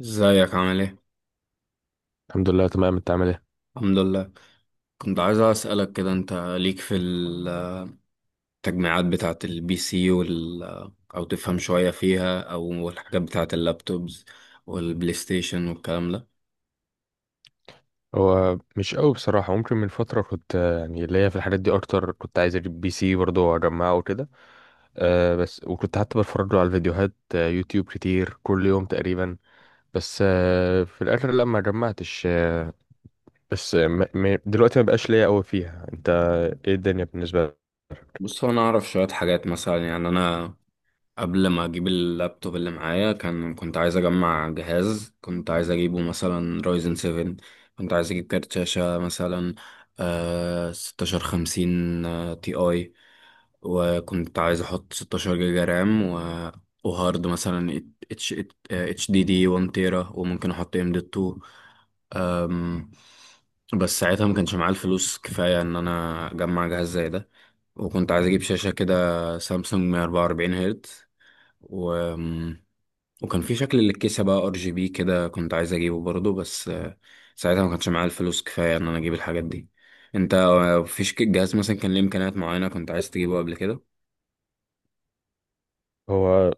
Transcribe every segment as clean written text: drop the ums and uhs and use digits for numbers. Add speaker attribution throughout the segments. Speaker 1: ازيك عامل ايه؟
Speaker 2: الحمد لله تمام. انت عامل ايه؟
Speaker 1: الحمد لله. كنت عايز اسألك كده، انت ليك في التجميعات بتاعة البي سي او تفهم شوية فيها، او الحاجات بتاعة اللابتوبز والبلاي ستيشن والكلام ده؟
Speaker 2: هو مش قوي بصراحه، ممكن من فتره كنت يعني ليا في الحاجات دي اكتر، كنت عايز اجيب بي سي برضه واجمعه وكده. بس وكنت حتى بتفرج له على الفيديوهات، يوتيوب كتير كل يوم تقريبا. بس في الاخر لا، ما جمعتش. بس دلوقتي ما بقاش ليا قوي فيها. انت، ايه الدنيا بالنسبه لك؟
Speaker 1: بص، هو انا اعرف شوية حاجات، مثلا يعني انا قبل ما اجيب اللابتوب اللي معايا كنت عايز اجمع جهاز، كنت عايز اجيبه مثلا رايزن 7. كنت عايز اجيب كارت شاشة مثلا، 1650 تي اي. وكنت عايز احط 16 جيجا رام، وهارد مثلا اتش اتش دي دي 1 تيرا، وممكن احط ام دي 2. أم، بس ساعتها ما كانش معايا الفلوس كفاية ان انا اجمع جهاز زي ده. وكنت عايز اجيب شاشة كده سامسونج 144 هرتز، و... وكان في شكل للكيسة بقى ار جي بي كده، كنت عايز اجيبه برضه، بس ساعتها ما كانش معايا الفلوس كفاية ان انا اجيب الحاجات دي. انت فيش جهاز مثلا كان ليه امكانيات معينة كنت عايز تجيبه قبل كده؟
Speaker 2: هو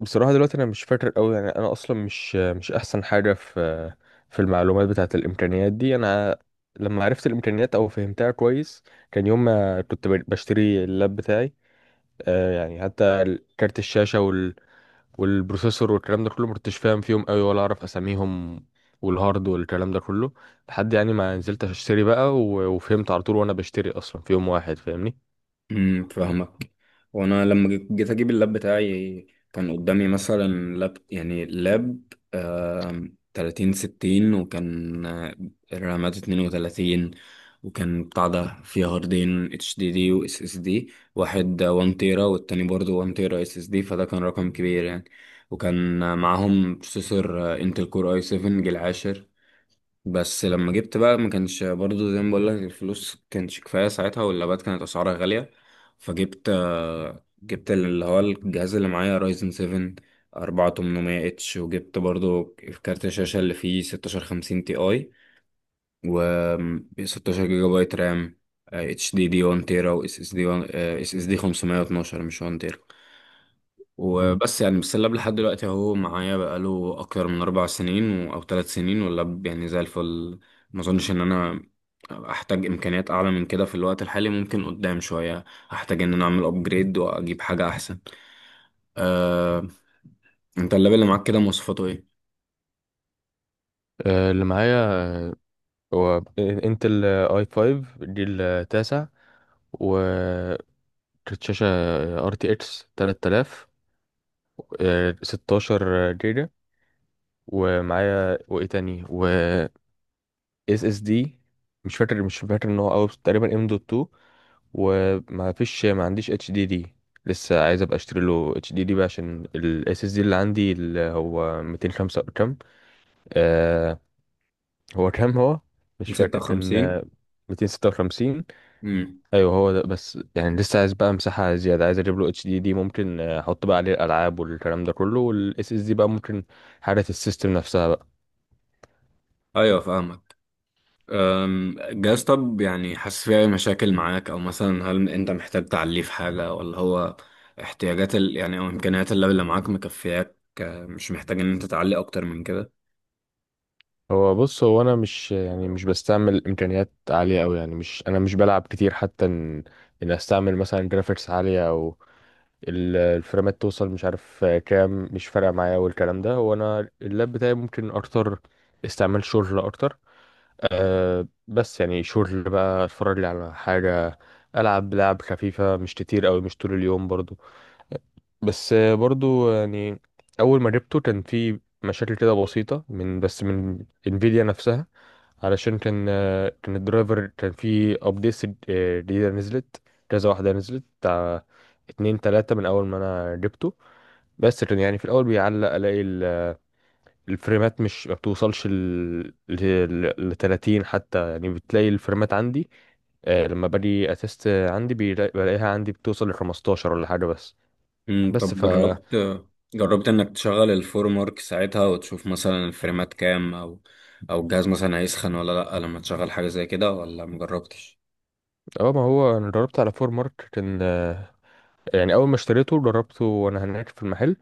Speaker 2: بصراحة دلوقتي أنا مش فاكر أوي، يعني أنا أصلا مش أحسن حاجة في المعلومات بتاعة الإمكانيات دي. أنا لما عرفت الإمكانيات أو فهمتها كويس، كان يوم ما كنت بشتري اللاب بتاعي. يعني حتى كارت الشاشة والبروسيسور والكلام ده كله مكنتش فاهم فيهم أوي ولا أعرف أساميهم، والهارد والكلام ده كله. لحد يعني ما نزلت أشتري بقى وفهمت على طول، وأنا بشتري أصلا في يوم واحد، فاهمني؟
Speaker 1: فاهمك. وانا لما جيت اجيب اللاب بتاعي، كان قدامي مثلا لاب، يعني لاب 30 60، وكان رامات 32. وكان بتاع ده فيه هاردين اتش دي دي واس اس دي، واحد 1 تيرا والتاني برضه 1 تيرا اس اس دي، فده كان رقم كبير يعني. وكان معاهم بروسيسور انتل كور اي 7 جيل عاشر. بس لما جبت بقى، ما كانش برضو زي ما بقول لك الفلوس كانش كفاية ساعتها، واللابات كانت أسعارها غالية. فجبت آه، جبت اللي هو الجهاز اللي معايا رايزن 7 4800 اتش، وجبت برضو كارت الشاشة اللي فيه 1650 تي اي، و 16 جيجا بايت رام، اتش دي دي 1 تيرا و اس اس دي 512، مش 1 تيرا.
Speaker 2: مم.
Speaker 1: وبس، يعني بالسلاب لحد دلوقتي اهو معايا بقاله اكتر من اربع سنين او ثلاث سنين، واللاب يعني زي الفل. ما اظنش ان انا احتاج امكانيات اعلى من كده في الوقت الحالي، ممكن قدام شوية احتاج ان انا اعمل ابجريد واجيب حاجة احسن. أه... انت اللاب اللي معاك كده مواصفاته ايه؟
Speaker 2: اللي معايا، هو انتل اي 5 جيل تاسع، وكانت شاشة ار تي اكس 3000، 16 جيجا، ومعايا وايه تاني، و اس اس دي. مش فاكر ان هو اوي، بس تقريبا ام دوت 2. وما فيش، ما عنديش اتش دي دي، لسه عايز ابقى اشتري له اتش دي دي بقى، عشان الاس اس دي اللي عندي، اللي هو 205 كام. آه هو كام، هو مش فاكر، كان
Speaker 1: 56.
Speaker 2: 256.
Speaker 1: امم
Speaker 2: ايوه، هو ده. بس يعني لسه عايز بقى مساحه زياده، عايز اجيب له اتش دي دي، ممكن احط بقى عليه الالعاب والكلام ده كله، والاس اس دي بقى ممكن حاله السيستم نفسها بقى.
Speaker 1: ايوه، فاهمك. طب يعني، حاسس فيه أي مشاكل معاك؟ او مثلا هل انت محتاج تعليه في حاجة، ولا هو احتياجات يعني او امكانيات اللاب اللي معاك مكفياك، مش محتاج ان انت تعلي اكتر من كده؟
Speaker 2: هو بص، هو انا مش، يعني مش بستعمل امكانيات عاليه قوي، يعني مش، انا مش بلعب كتير حتى ان استعمل مثلا جرافيكس عاليه، او الفريمات توصل مش عارف كام، مش فارقه معايا والكلام ده. هو انا اللاب بتاعي ممكن اكتر استعمال شغل اكتر. بس يعني شغل بقى، اتفرج لي على حاجة، ألعب لعب خفيفة، مش كتير أوي، مش طول اليوم برضو. بس برضو يعني، أول ما جبته كان في مشاكل كده بسيطة من انفيديا نفسها، علشان كان الدرايفر، كان في أبديتس جديدة نزلت، كذا واحدة نزلت، بتاع اتنين تلاتة من أول ما أنا جبته. بس كان يعني في الأول بيعلق، ألاقي الفريمات مش ما بتوصلش ل 30 حتى، يعني بتلاقي الفريمات عندي، لما باجي اتست عندي بلاقيها عندي بتوصل ل 15 ولا حاجه بس. بس
Speaker 1: طب،
Speaker 2: ف
Speaker 1: جربت انك تشغل الفورم ورك ساعتها وتشوف مثلا الفريمات كام، او الجهاز مثلا هيسخن ولا لا لما تشغل حاجة زي كده، ولا مجربتش؟
Speaker 2: اه ما هو انا جربت على فور مارك، كان آه، يعني اول ما اشتريته جربته وانا هناك في المحل،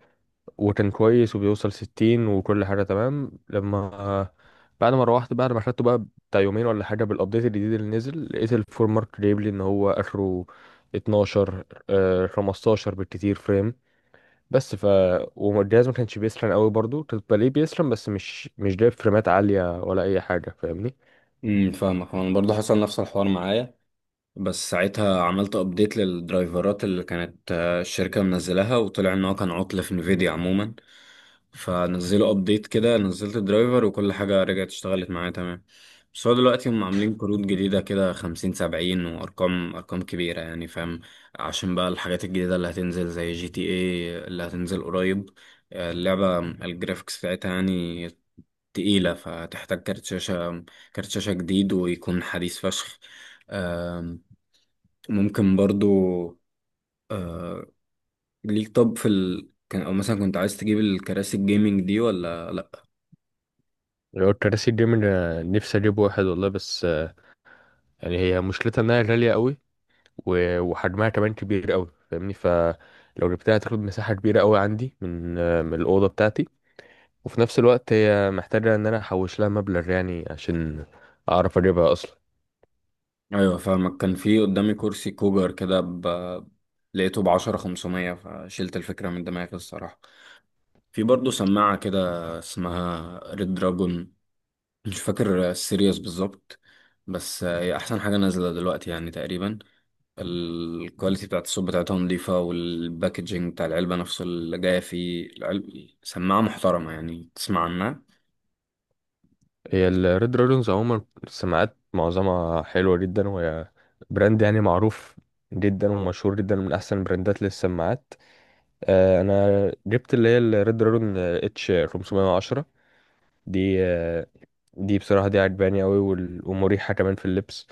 Speaker 2: وكان كويس، وبيوصل 60 وكل حاجه تمام. لما بعد ما روحت، بعد ما خدته بقى، بتاع يومين ولا حاجه، بالابديت الجديد اللي نزل، لقيت الفور مارك جايب لي ان هو اخره 12، 15 بالكتير فريم. بس والجهاز ما كانش بيسخن قوي برضو، كنت بلاقيه بيسخن، بس مش جايب فريمات عالية ولا أي حاجة، فاهمني؟
Speaker 1: فاهمك، انا برضه حصل نفس الحوار معايا. بس ساعتها عملت ابديت للدرايفرات اللي كانت الشركة منزلاها، وطلع ان هو كان عطل في انفيديا عموما، فنزلوا ابديت كده، نزلت الدرايفر وكل حاجة رجعت اشتغلت معايا تمام. بس هو دلوقتي هم عاملين كروت جديدة كده، خمسين سبعين، وأرقام كبيرة يعني، فاهم؟ عشان بقى الحاجات الجديدة اللي هتنزل زي جي تي اي اللي هتنزل قريب، اللعبة الجرافيكس بتاعتها يعني تقيلة، فتحتاج كارت شاشة جديد ويكون حديث فشخ. ممكن برضو. ليك، طب، في كان او مثلا، كنت عايز تجيب الكراسي الجيمنج دي ولا لا؟
Speaker 2: لو الكراسي الجيمنج، أنا نفسي أجيب واحد والله، بس يعني هي مشكلتها إنها غالية قوي، وحجمها كمان كبير قوي، فاهمني؟ فلو جبتها هتاخد مساحة كبيرة قوي عندي من الأوضة بتاعتي، وفي نفس الوقت هي محتاجة إن أنا أحوش لها مبلغ يعني، عشان أعرف أجيبها أصلا.
Speaker 1: ايوه، فاهمك. كان في قدامي كرسي كوجر كده لقيته بعشرة خمسمية، فشلت الفكرة من دماغي الصراحة. في برضو سماعة كده اسمها ريد دراجون، مش فاكر السيريوس بالظبط، بس هي أحسن حاجة نازلة دلوقتي يعني تقريبا. الكواليتي بتاعت الصوت بتاعتها نضيفة، والباكجينج بتاع العلبة نفسه اللي جاية فيه العلبة، سماعة محترمة يعني، تسمع عنها.
Speaker 2: هي الريد دراجونز عموما السماعات معظمها حلوة جدا، وهي براند يعني معروف جدا ومشهور جدا، من أحسن البراندات للسماعات. أنا جبت اللي هي الريد دراجون اتش 510، دي آه، دي بصراحة دي عجباني أوي، ومريحة كمان في اللبس.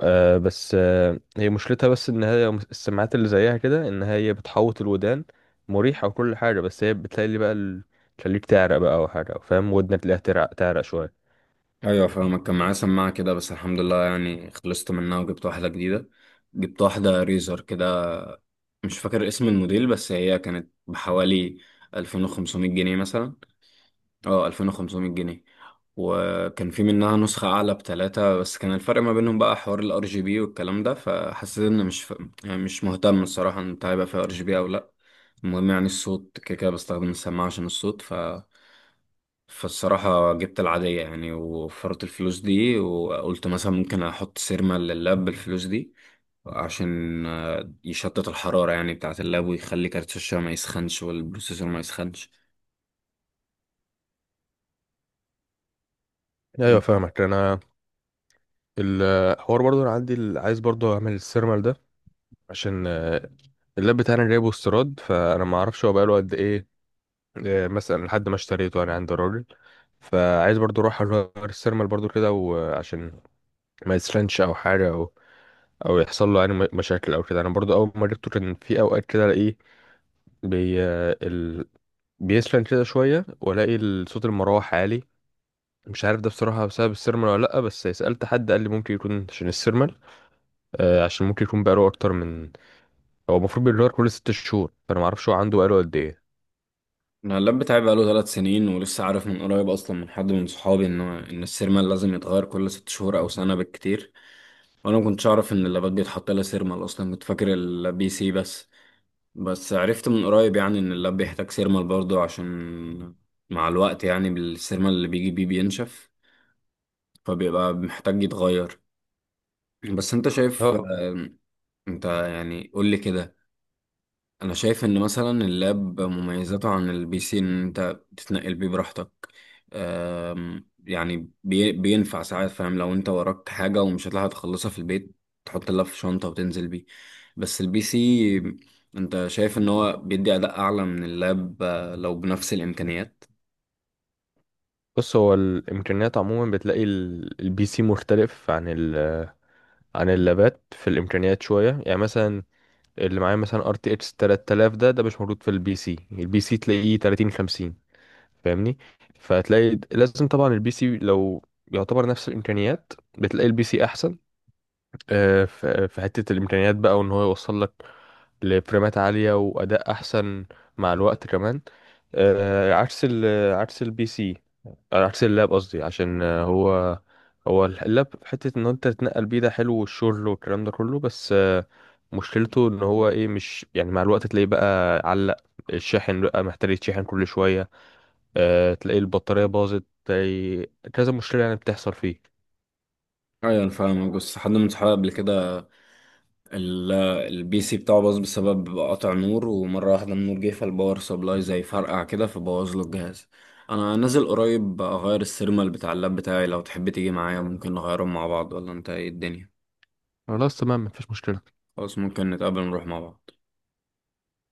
Speaker 2: بس هي مشكلتها بس إن هي السماعات اللي زيها كده، إن هي بتحوط الودان، مريحة وكل حاجة، بس هي بتلاقي بقى تخليك تعرق بقى أو حاجة، فاهم؟ ودنك تلاقيها تعرق تعرق شوية.
Speaker 1: ايوه، فاهمك. كان معايا سماعه كده بس الحمد لله يعني خلصت منها وجبت واحده جديده. جبت واحده ريزر كده، مش فاكر اسم الموديل، بس هي كانت بحوالي 2500 جنيه مثلا. اه 2500 جنيه. وكان في منها نسخه اعلى بتلاتة بس، كان الفرق ما بينهم بقى حوار الار جي بي والكلام ده، فحسيت ان مش يعني مش مهتم الصراحه ان هيبقى فيها ار جي بي او لا. المهم يعني الصوت، كده كده بستخدم السماعه عشان الصوت، فالصراحة جبت العادية يعني، ووفرت الفلوس دي، وقلت مثلا ممكن أحط سيرما لللاب بالفلوس دي عشان يشتت الحرارة يعني بتاعة اللاب، ويخلي كارت الشاشة ما يسخنش والبروسيسور ما يسخنش.
Speaker 2: ايوه، فاهمك. انا الحوار برضو، انا عندي عايز برضو اعمل السيرمال ده، عشان اللاب بتاعنا جايبه استيراد، فانا ما اعرفش هو بقاله قد ايه، مثلا لحد ما اشتريته انا عند الراجل. فعايز برضو اروح اغير السيرمال برضو كده، وعشان ما يسخنش او حاجه، او يحصل له يعني مشاكل او كده. انا برضو اول ما جبته كان في اوقات كده الاقيه بي آه، ال... بيسخن كده شويه، والاقي صوت المروحه عالي. مش عارف ده بصراحه بسبب السيرمال ولا لا، بس سالت حد قال لي ممكن يكون عشان السيرمال، عشان ممكن يكون بقاله اكتر من، هو المفروض بيتغير كل ست شهور، فانا ما اعرفش هو عنده بقاله قد ايه.
Speaker 1: أنا اللاب بتاعي بقاله ثلاث سنين ولسه عارف من قريب أصلا، من حد من صحابي، إن السيرما لازم يتغير كل ست شهور أو سنة بالكتير. وأنا ما كنتش أعرف إن اللابات بيتحط لها سيرما أصلا، كنت فاكر البي سي بس. بس عرفت من قريب يعني ان اللاب بيحتاج سيرمال برضه، عشان مع الوقت يعني بالسيرمال اللي بيجي بيه بينشف، فبيبقى محتاج يتغير. بس انت شايف،
Speaker 2: اه
Speaker 1: انت يعني، قول لي كده. انا شايف ان مثلا اللاب مميزاته عن البي سي ان انت بتتنقل بيه براحتك، يعني بينفع ساعات، فاهم، لو انت وراك حاجة ومش هتلحق تخلصها في البيت، تحط اللاب في شنطة وتنزل بيه. بس البي سي، انت شايف ان هو بيدي اداء اعلى من اللاب لو بنفس الامكانيات؟
Speaker 2: بص، هو الامكانيات عموما بتلاقي البي سي مختلف عن اللابات في الامكانيات شويه، يعني مثلا اللي معايا مثلا ار تي اكس 3000، ده مش موجود في البي سي. البي سي تلاقيه 30 50، فاهمني. فتلاقي لازم طبعا البي سي، لو يعتبر نفس الامكانيات، بتلاقي البي سي احسن، في حته الامكانيات بقى، وان هو يوصل لك لفريمات عالية وأداء أحسن، مع الوقت كمان، آه، عكس ال عكس البي سي، عكس اللاب قصدي، عشان هو اللاب في حتة إن أنت تتنقل بيه، ده حلو، والشغل والكلام ده كله. بس مشكلته إن هو إيه، مش يعني، مع الوقت تلاقيه بقى علق، الشاحن بقى محتاج يتشحن كل شوية، تلاقي البطارية باظت، تلاقي كذا مشكلة يعني بتحصل فيه.
Speaker 1: ايوه، انا فاهمك. بس حد من صحابي قبل كده، ال- البي سي بتاعه باظ بسبب قطع نور، ومرة واحدة النور جه فالباور سبلاي زي فرقع كده، فبوظ له الجهاز. انا نازل قريب اغير السيرمال بتاع اللاب بتاعي، لو تحب تيجي معايا ممكن نغيرهم مع بعض، ولا انت ايه الدنيا؟
Speaker 2: خلاص تمام، مفيش مشكلة.
Speaker 1: خلاص، ممكن نتقابل نروح مع بعض.